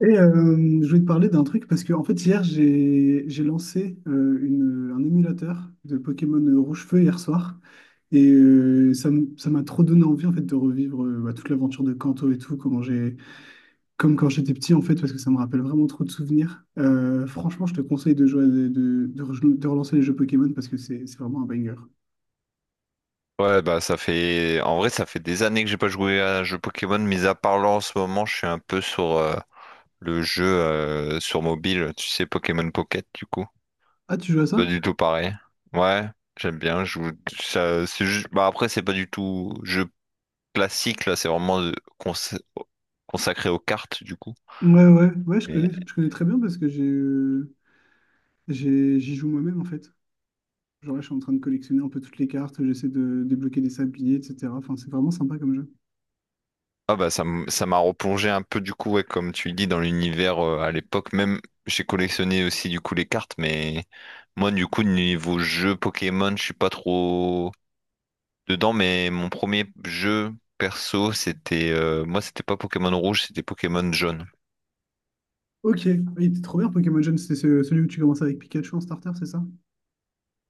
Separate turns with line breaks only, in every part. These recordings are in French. Je voulais te parler d'un truc parce que en fait hier j'ai lancé un émulateur de Pokémon Rouge-Feu hier soir. Ça m'a trop donné envie en fait de revivre bah, toute l'aventure de Kanto et tout comment j'ai comme quand j'étais petit en fait parce que ça me rappelle vraiment trop de souvenirs. Franchement je te conseille de jouer de relancer les jeux Pokémon parce que c'est vraiment un banger.
Ouais, bah ça fait... En vrai, ça fait des années que j'ai pas joué à un jeu Pokémon, mis à part là en ce moment, je suis un peu sur le jeu sur mobile, tu sais, Pokémon Pocket, du coup.
Ah, tu joues à
Pas
ça?
du tout pareil. Ouais, j'aime bien. Ça, c'est juste... Bah, après, c'est pas du tout jeu classique, là, c'est vraiment cons- consacré aux cartes, du coup.
Ouais, ouais, ouais, je connais très bien parce que j'ai j'y joue moi-même en fait. Genre là, je suis en train de collectionner un peu toutes les cartes, j'essaie de débloquer des sabliers, etc. Enfin, c'est vraiment sympa comme jeu.
Ah bah ça m'a replongé un peu du coup, ouais, comme tu le dis, dans l'univers, à l'époque même j'ai collectionné aussi du coup les cartes, mais moi, du coup, niveau jeu Pokémon, je suis pas trop dedans, mais mon premier jeu perso c'était, moi c'était pas Pokémon rouge, c'était Pokémon jaune.
Ok, il était trop bien Pokémon Jaune, c'est celui où tu commences avec Pikachu en starter, c'est ça?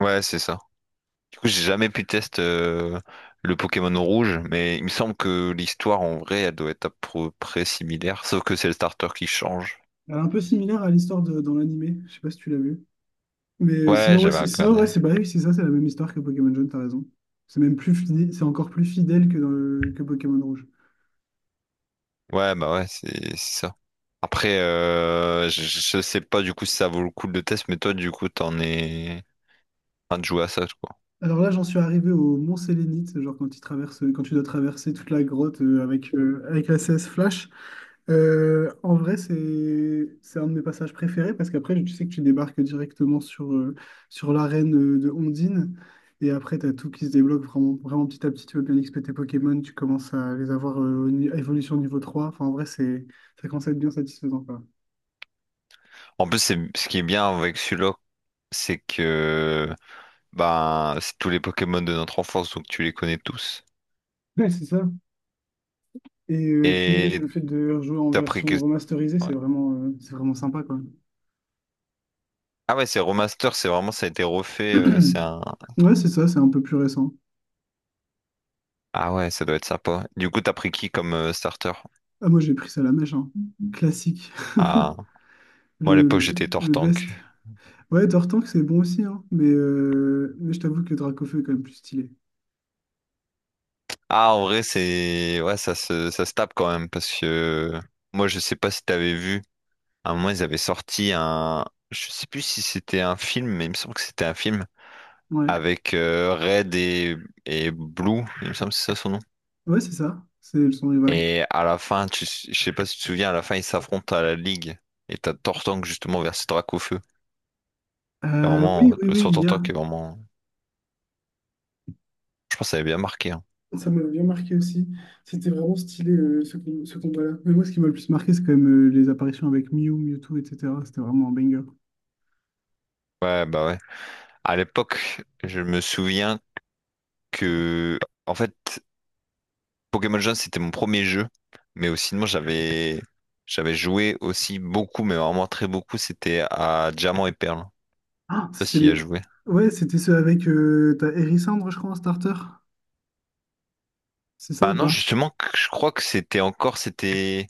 Ouais, c'est ça. Du coup j'ai jamais pu tester le Pokémon rouge, mais il me semble que l'histoire en vrai elle doit être à peu près similaire, sauf que c'est le starter qui change,
Alors, un peu
il me semble.
similaire à l'histoire dans l'animé, je sais pas si tu l'as vu. Mais
Ouais, j'avais
sinon,
regardé.
ouais, c'est bah oui, c'est ça, c'est la même histoire que Pokémon Jaune, t'as raison. C'est même plus fidèle, c'est encore plus fidèle que, que Pokémon Rouge.
Ouais, bah ouais, c'est ça. Après, je sais pas du coup si ça vaut le coup de le test, mais toi, du coup, t'en es en train de jouer à ça, quoi.
Alors là, j'en suis arrivé au Mont Sélénite, genre quand tu dois traverser toute la grotte, avec la CS Flash. En vrai, c'est un de mes passages préférés parce qu'après, tu sais que tu débarques directement sur l'arène de Ondine et après, tu as tout qui se débloque vraiment, vraiment petit à petit. Tu veux bien XP tes Pokémon, tu commences à les avoir au ni- à évolution niveau 3. Enfin, en vrai, c'est ça commence à être bien satisfaisant, quoi.
En plus, c'est ce qui est bien avec celui-là, c'est que ben c'est tous les Pokémon de notre enfance, donc tu les connais tous.
Ouais, c'est ça. Puis, même
Et
le fait de rejouer en
t'as pris que...
version remasterisée,
ouais.
c'est vraiment sympa, quoi.
Ah ouais, c'est remaster, c'est vraiment, ça a été refait, c'est un...
Ouais, c'est ça, c'est un peu plus récent.
Ah ouais, ça doit être sympa. Du coup, t'as pris qui comme starter?
Ah, moi, j'ai pris ça à la mèche, hein. Classique,
Ah, moi, à
le,
l'époque,
le
j'étais
le
Tortank.
best. Ouais, Dortank, c'est bon aussi, hein. Mais je t'avoue que Dracofeu est quand même plus stylé.
Ah, en vrai, c'est. Ouais, ça se tape quand même parce que moi, je sais pas si t'avais vu. À un moment, ils avaient sorti un. Je sais plus si c'était un film, mais il me semble que c'était un film
Ouais,
avec Red et Blue. Il me semble que c'est ça son nom.
ouais, c'est ça. C'est son rival.
Et à la fin, tu... je sais pas si tu te souviens, à la fin, ils s'affrontent à la Ligue. Et t'as Tortank justement versus Dracaufeu. C'est vraiment.
Oui, oui,
Le
oui,
son
il y a.
Tortank est vraiment. Je pense que ça avait bien marqué, hein.
Ça m'a bien marqué aussi. C'était vraiment stylé, ce combat-là. Mais moi, ce qui m'a le plus marqué, c'est quand même les apparitions avec Mew, Mewtwo, etc. C'était vraiment un banger.
Ouais, bah ouais. À l'époque, je me souviens que. En fait. Pokémon Jaune, c'était mon premier jeu, mais aussi, sinon, j'avais joué aussi beaucoup, mais vraiment très beaucoup, c'était à Diamant et Perle. Je sais
Ah,
pas
c'était
s'il y a
les.
joué.
Ouais, c'était ceux avec. T'as Hérissandre, je crois, en starter. C'est ça
Bah
ou
non,
pas?
justement, je crois que c'était encore, c'était...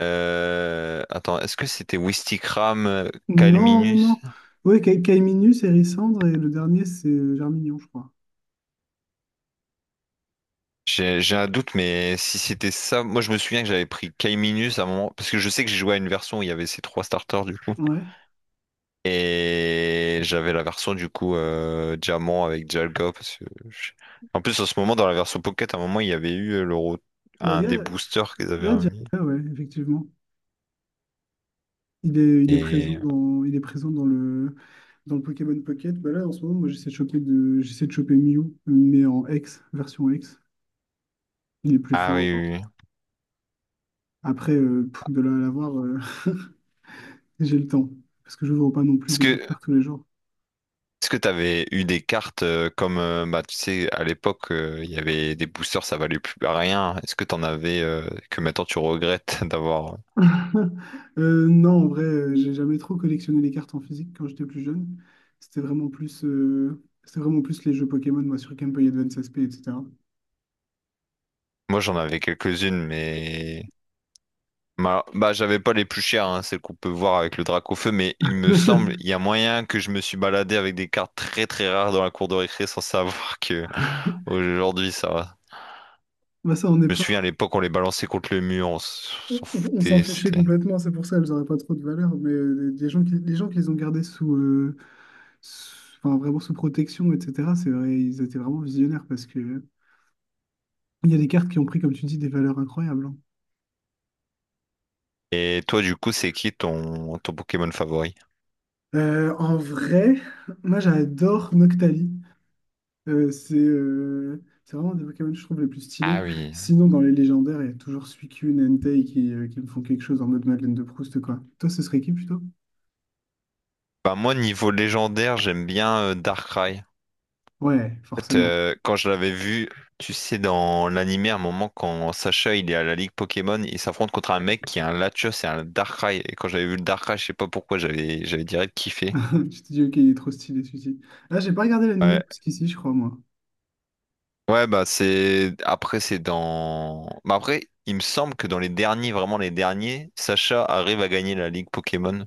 Attends, est-ce que
C'est-
c'était Wistikram,
Non, non,
Calminus?
non. Ouais, Kaiminus, Hérissandre, et le dernier, c'est Germignon, je crois.
J'ai un doute, mais si c'était ça, moi je me souviens que j'avais pris Calminus à un moment, parce que je sais que j'ai joué à une version où il y avait ces trois starters, du coup.
Ouais.
Et j'avais la version, du coup, diamant avec Dialga parce que en plus en ce moment dans la version Pocket à un moment il y avait eu,
Bah,
un des boosters qu'ils
il y
avaient
a
remis.
Jiraiya, ouais, effectivement. Il est présent
Et
dans le Pokémon Pocket. Bah là, en ce moment, moi, j'essaie de choper Mew, mais en X, version X. Il est plus
ah
fort
oui
encore.
oui. Oui.
Après, pff, de là à l'avoir, j'ai le temps. Parce que je n'ouvre pas non plus
Est-ce
des
que
boosters tous les jours.
est-ce que t'avais eu des cartes comme bah tu sais à l'époque il y avait des boosters ça valait plus rien. Est-ce que t'en avais que maintenant tu regrettes d'avoir?
Non, en vrai, j'ai jamais trop collectionné les cartes en physique quand j'étais plus jeune. C'était vraiment plus les jeux Pokémon, moi, sur Game Boy Advance SP, etc.
Moi j'en avais quelques-unes, mais Bah, j'avais pas les plus chères, hein, celles qu'on peut voir avec le drac au feu, mais il me semble, il y a moyen que je me suis baladé avec des cartes très très rares dans la cour de récré sans savoir que aujourd'hui ça va.
Bah ça, on est.
Je me souviens à l'époque on les balançait contre le mur, on s'en
On s'en
foutait,
fichait
c'était.
complètement, c'est pour ça elles n'auraient pas trop de valeur, mais les gens qui les ont gardés sous, sous- enfin, vraiment sous protection, etc., c'est vrai, ils étaient vraiment visionnaires parce que il y a des cartes qui ont pris, comme tu dis, des valeurs incroyables, hein.
Et toi du coup c'est qui ton, ton Pokémon favori?
En vrai, moi j'adore Noctali. C'est vraiment un des Pokémon, je trouve, les plus stylés.
Ah oui.
Sinon, dans les légendaires, il y a toujours Suicune, Entei qui me font quelque chose en mode Madeleine de Proust, quoi. Toi, ce serait qui plutôt?
Bah moi niveau légendaire j'aime bien Darkrai.
Ouais,
Fait,
forcément.
quand je l'avais vu, tu sais, dans l'animé, à un moment, quand Sacha il est à la Ligue Pokémon, il s'affronte contre un mec qui a un Latios et un Darkrai. Et quand j'avais vu le Darkrai, je sais pas pourquoi, j'avais direct kiffé.
Tu te dis, ok, il est trop stylé celui-ci. Là, j'ai pas regardé
Ouais,
l'animé jusqu'ici, je crois, moi.
ouais, bah c'est. Après, c'est dans. Bah après, il me semble que dans les derniers, vraiment les derniers, Sacha arrive à gagner la Ligue Pokémon.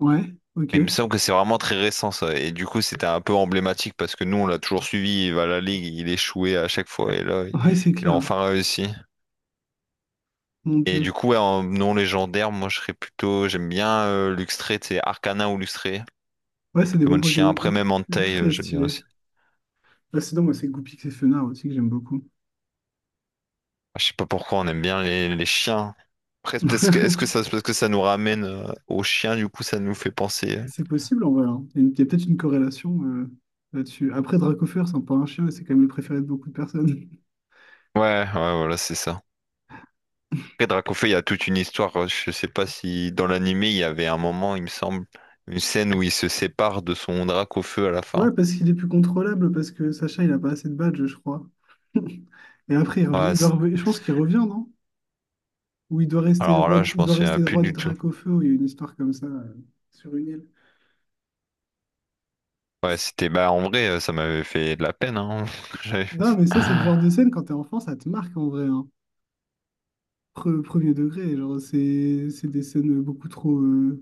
Ouais, ok.
Il me semble que c'est vraiment très récent ça. Et du coup, c'était un peu emblématique parce que nous, on l'a toujours suivi. Il va à la Ligue, il échouait à chaque fois. Et là,
Ouais, c'est
il a
clair.
enfin réussi.
Mon
Et
Dieu.
du coup, ouais, en non légendaire, moi je serais plutôt. J'aime bien Luxray, tu sais, Arcanin ou Luxray,
Ouais,
de
c'est des bons
Pokémon de chien.
Pokémon.
Après, même
Luxe.
Entei,
Très
j'aime bien
stylé.
aussi.
Là, sinon, moi, c'est Goupix et Fenard aussi que j'aime beaucoup.
Ah, je sais pas pourquoi on aime bien les chiens. Après, est-ce que ça, parce que ça nous ramène aux chiens, du coup, ça nous fait penser. Euh.
C'est possible, en vrai, hein. Il y a il y a peut-être une corrélation, là-dessus. Après, Dracofeu ressemble pas à un chien et c'est quand même le préféré de beaucoup de personnes.
Ouais, ouais, voilà, c'est ça. Après, Dracofeu, il y a toute une histoire. Je sais pas si dans l'animé, il y avait un moment, il me semble, une scène où il se sépare de son Dracofeu à la
Ouais,
fin.
parce qu'il est plus contrôlable, parce que Sacha, il a pas assez de badges, je crois. Et après,
Ouais, c'est-
je pense qu'il revient, non? Où
alors là, je
il
m'en
doit
souviens
rester
plus
roi des
du tout.
Dracaufeu, où il y a une histoire comme ça, sur une île.
Ouais, c'était bah en vrai, ça m'avait fait de la peine, hein, quand j'avais
Non,
fait
mais ça, c'est le genre
ça.
de scène, quand t'es enfant, ça te marque en vrai, hein. Premier degré, genre, c'est des scènes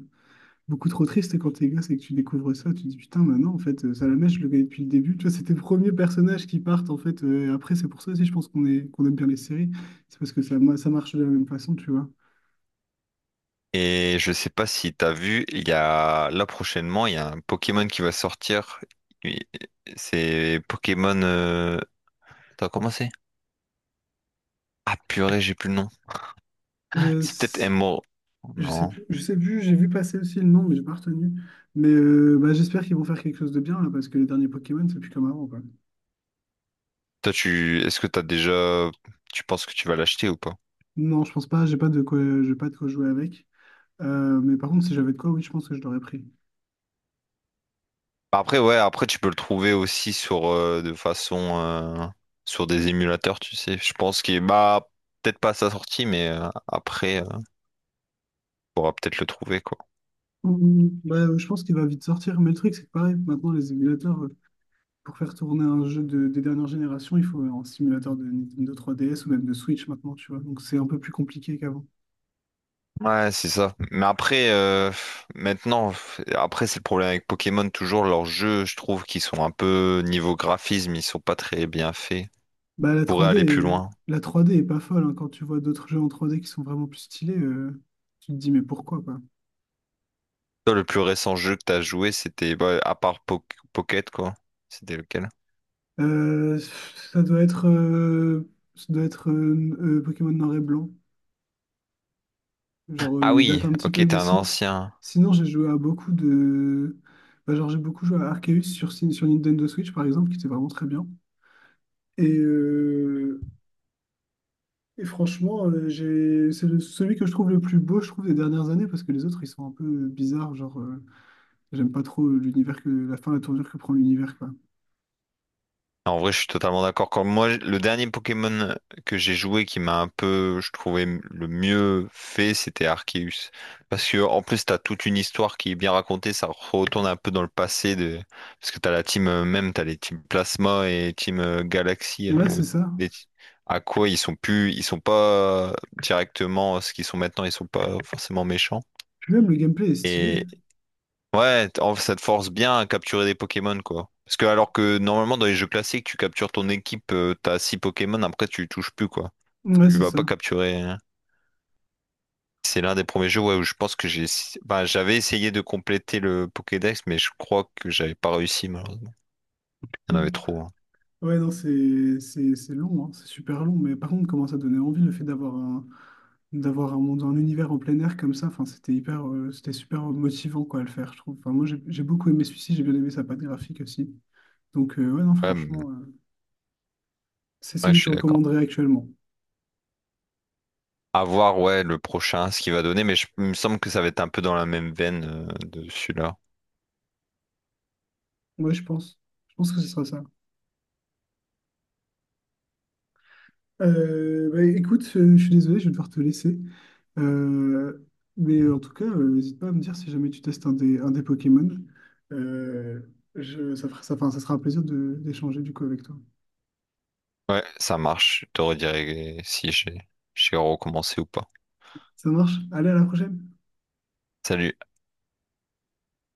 beaucoup trop tristes quand t'es gosse et que tu découvres ça. Tu te dis, putain, maintenant, en fait, Salamèche, je le connais depuis le début. Tu vois, c'est tes premiers personnages qui partent, en fait. Et après, c'est pour ça aussi, je pense qu'on aime bien les séries. C'est parce que ça, ça marche de la même façon, tu vois.
Et je sais pas si t'as vu, il y a là prochainement, il y a un Pokémon qui va sortir. Et- C'est Pokémon. T'as commencé? Ah purée, j'ai plus le nom.
Euh,
C'est peut-être
c-
Emerald. Non.
Je sais plus, j'ai vu passer aussi le nom, mais j'ai pas retenu. Bah, j'espère qu'ils vont faire quelque chose de bien là, parce que les derniers Pokémon, c'est plus comme avant, quoi.
Toi, tu, est-ce que t'as déjà, tu penses que tu vas l'acheter ou pas?
Non, je pense pas, j'ai pas de quoi jouer avec. Mais par contre, si j'avais de quoi, oui, je pense que je l'aurais pris.
Après, ouais, après tu peux le trouver aussi sur de façon sur des émulateurs, tu sais. Je pense qu'il bah peut-être pas à sa sortie, mais après. Pourra peut-être le trouver, quoi.
Bah, je pense qu'il va vite sortir. Mais le truc, c'est que pareil, maintenant, les émulateurs, pour faire tourner un jeu des dernières générations, il faut un simulateur de Nintendo 3DS ou même de Switch maintenant, tu vois. Donc c'est un peu plus compliqué qu'avant.
Ouais, c'est ça. Mais après, maintenant, après, c'est le problème avec Pokémon, toujours leurs jeux, je trouve qu'ils sont un peu, niveau graphisme, ils sont pas très bien faits. Ils
Bah,
pourraient aller plus loin.
la trois d est pas folle, hein. Quand tu vois d'autres jeux en 3D qui sont vraiment plus stylés, tu te dis, mais pourquoi, quoi?
Toi, le plus récent jeu que t'as joué, c'était, bah, à part Pocket, quoi. C'était lequel?
Euh, ça doit être, euh, Ça doit être, Pokémon Noir et Blanc. Genre,
Ah
il date
oui,
un petit
ok,
peu,
t'es
mais
un ancien.
sinon, j'ai joué à beaucoup de. Bah, genre, j'ai beaucoup joué à Arceus sur Nintendo Switch, par exemple, qui était vraiment très bien. Et, euh, et franchement, celui que je trouve le plus beau, je trouve, des dernières années, parce que les autres, ils sont un peu bizarres. Genre. J'aime pas trop l'univers que la fin, la tournure que prend l'univers, quoi.
En vrai, je suis totalement d'accord. Comme moi, le dernier Pokémon que j'ai joué qui m'a un peu, je trouvais, le mieux fait, c'était Arceus. Parce que, en plus, t'as toute une histoire qui est bien racontée, ça retourne un peu dans le passé de, parce que t'as la team, même, t'as les teams Plasma et team Galaxy, hein,
Ouais, c'est
ou
ça.
des- À quoi ils sont plus, ils sont pas directement ce qu'ils sont maintenant, ils sont pas forcément méchants.
Puis même le gameplay est stylé.
Ouais, ça te force bien à capturer des Pokémon, quoi. Parce que alors que normalement dans les jeux classiques, tu captures ton équipe, t'as 6 Pokémon, après tu les touches plus, quoi.
Ouais,
Tu
c'est
vas
ça.
pas capturer, hein. C'est l'un des premiers jeux, ouais, où je pense que bah, j'avais essayé de compléter le Pokédex, mais je crois que j'avais pas réussi malheureusement. Il y en avait trop, hein.
Ouais, non, c'est long, hein, c'est super long, mais par contre, comment ça donnait envie le fait d'avoir un monde, un univers en plein air comme ça. C'était super motivant quoi à le faire, je trouve. Enfin, moi, j'ai beaucoup aimé celui-ci, j'ai bien aimé sa patte graphique aussi. Ouais, non,
Ouais, mais-
franchement, c'est
ouais,
celui
je
que je
suis d'accord.
recommanderais actuellement.
À voir, ouais, le prochain, ce qu'il va donner, mais je- il me semble que ça va être un peu dans la même veine de celui-là.
Ouais, je pense. Je pense que ce sera ça. Bah, écoute, je suis désolé, je vais devoir te laisser. Euh, mais en tout cas, n'hésite pas à me dire si jamais tu testes un des Pokémon. Euh, enfin, ça sera un plaisir d'échanger du coup avec toi.
Ouais, ça marche. Je te redirai si j'ai recommencé ou pas.
Ça marche? Allez, à la prochaine!
Salut.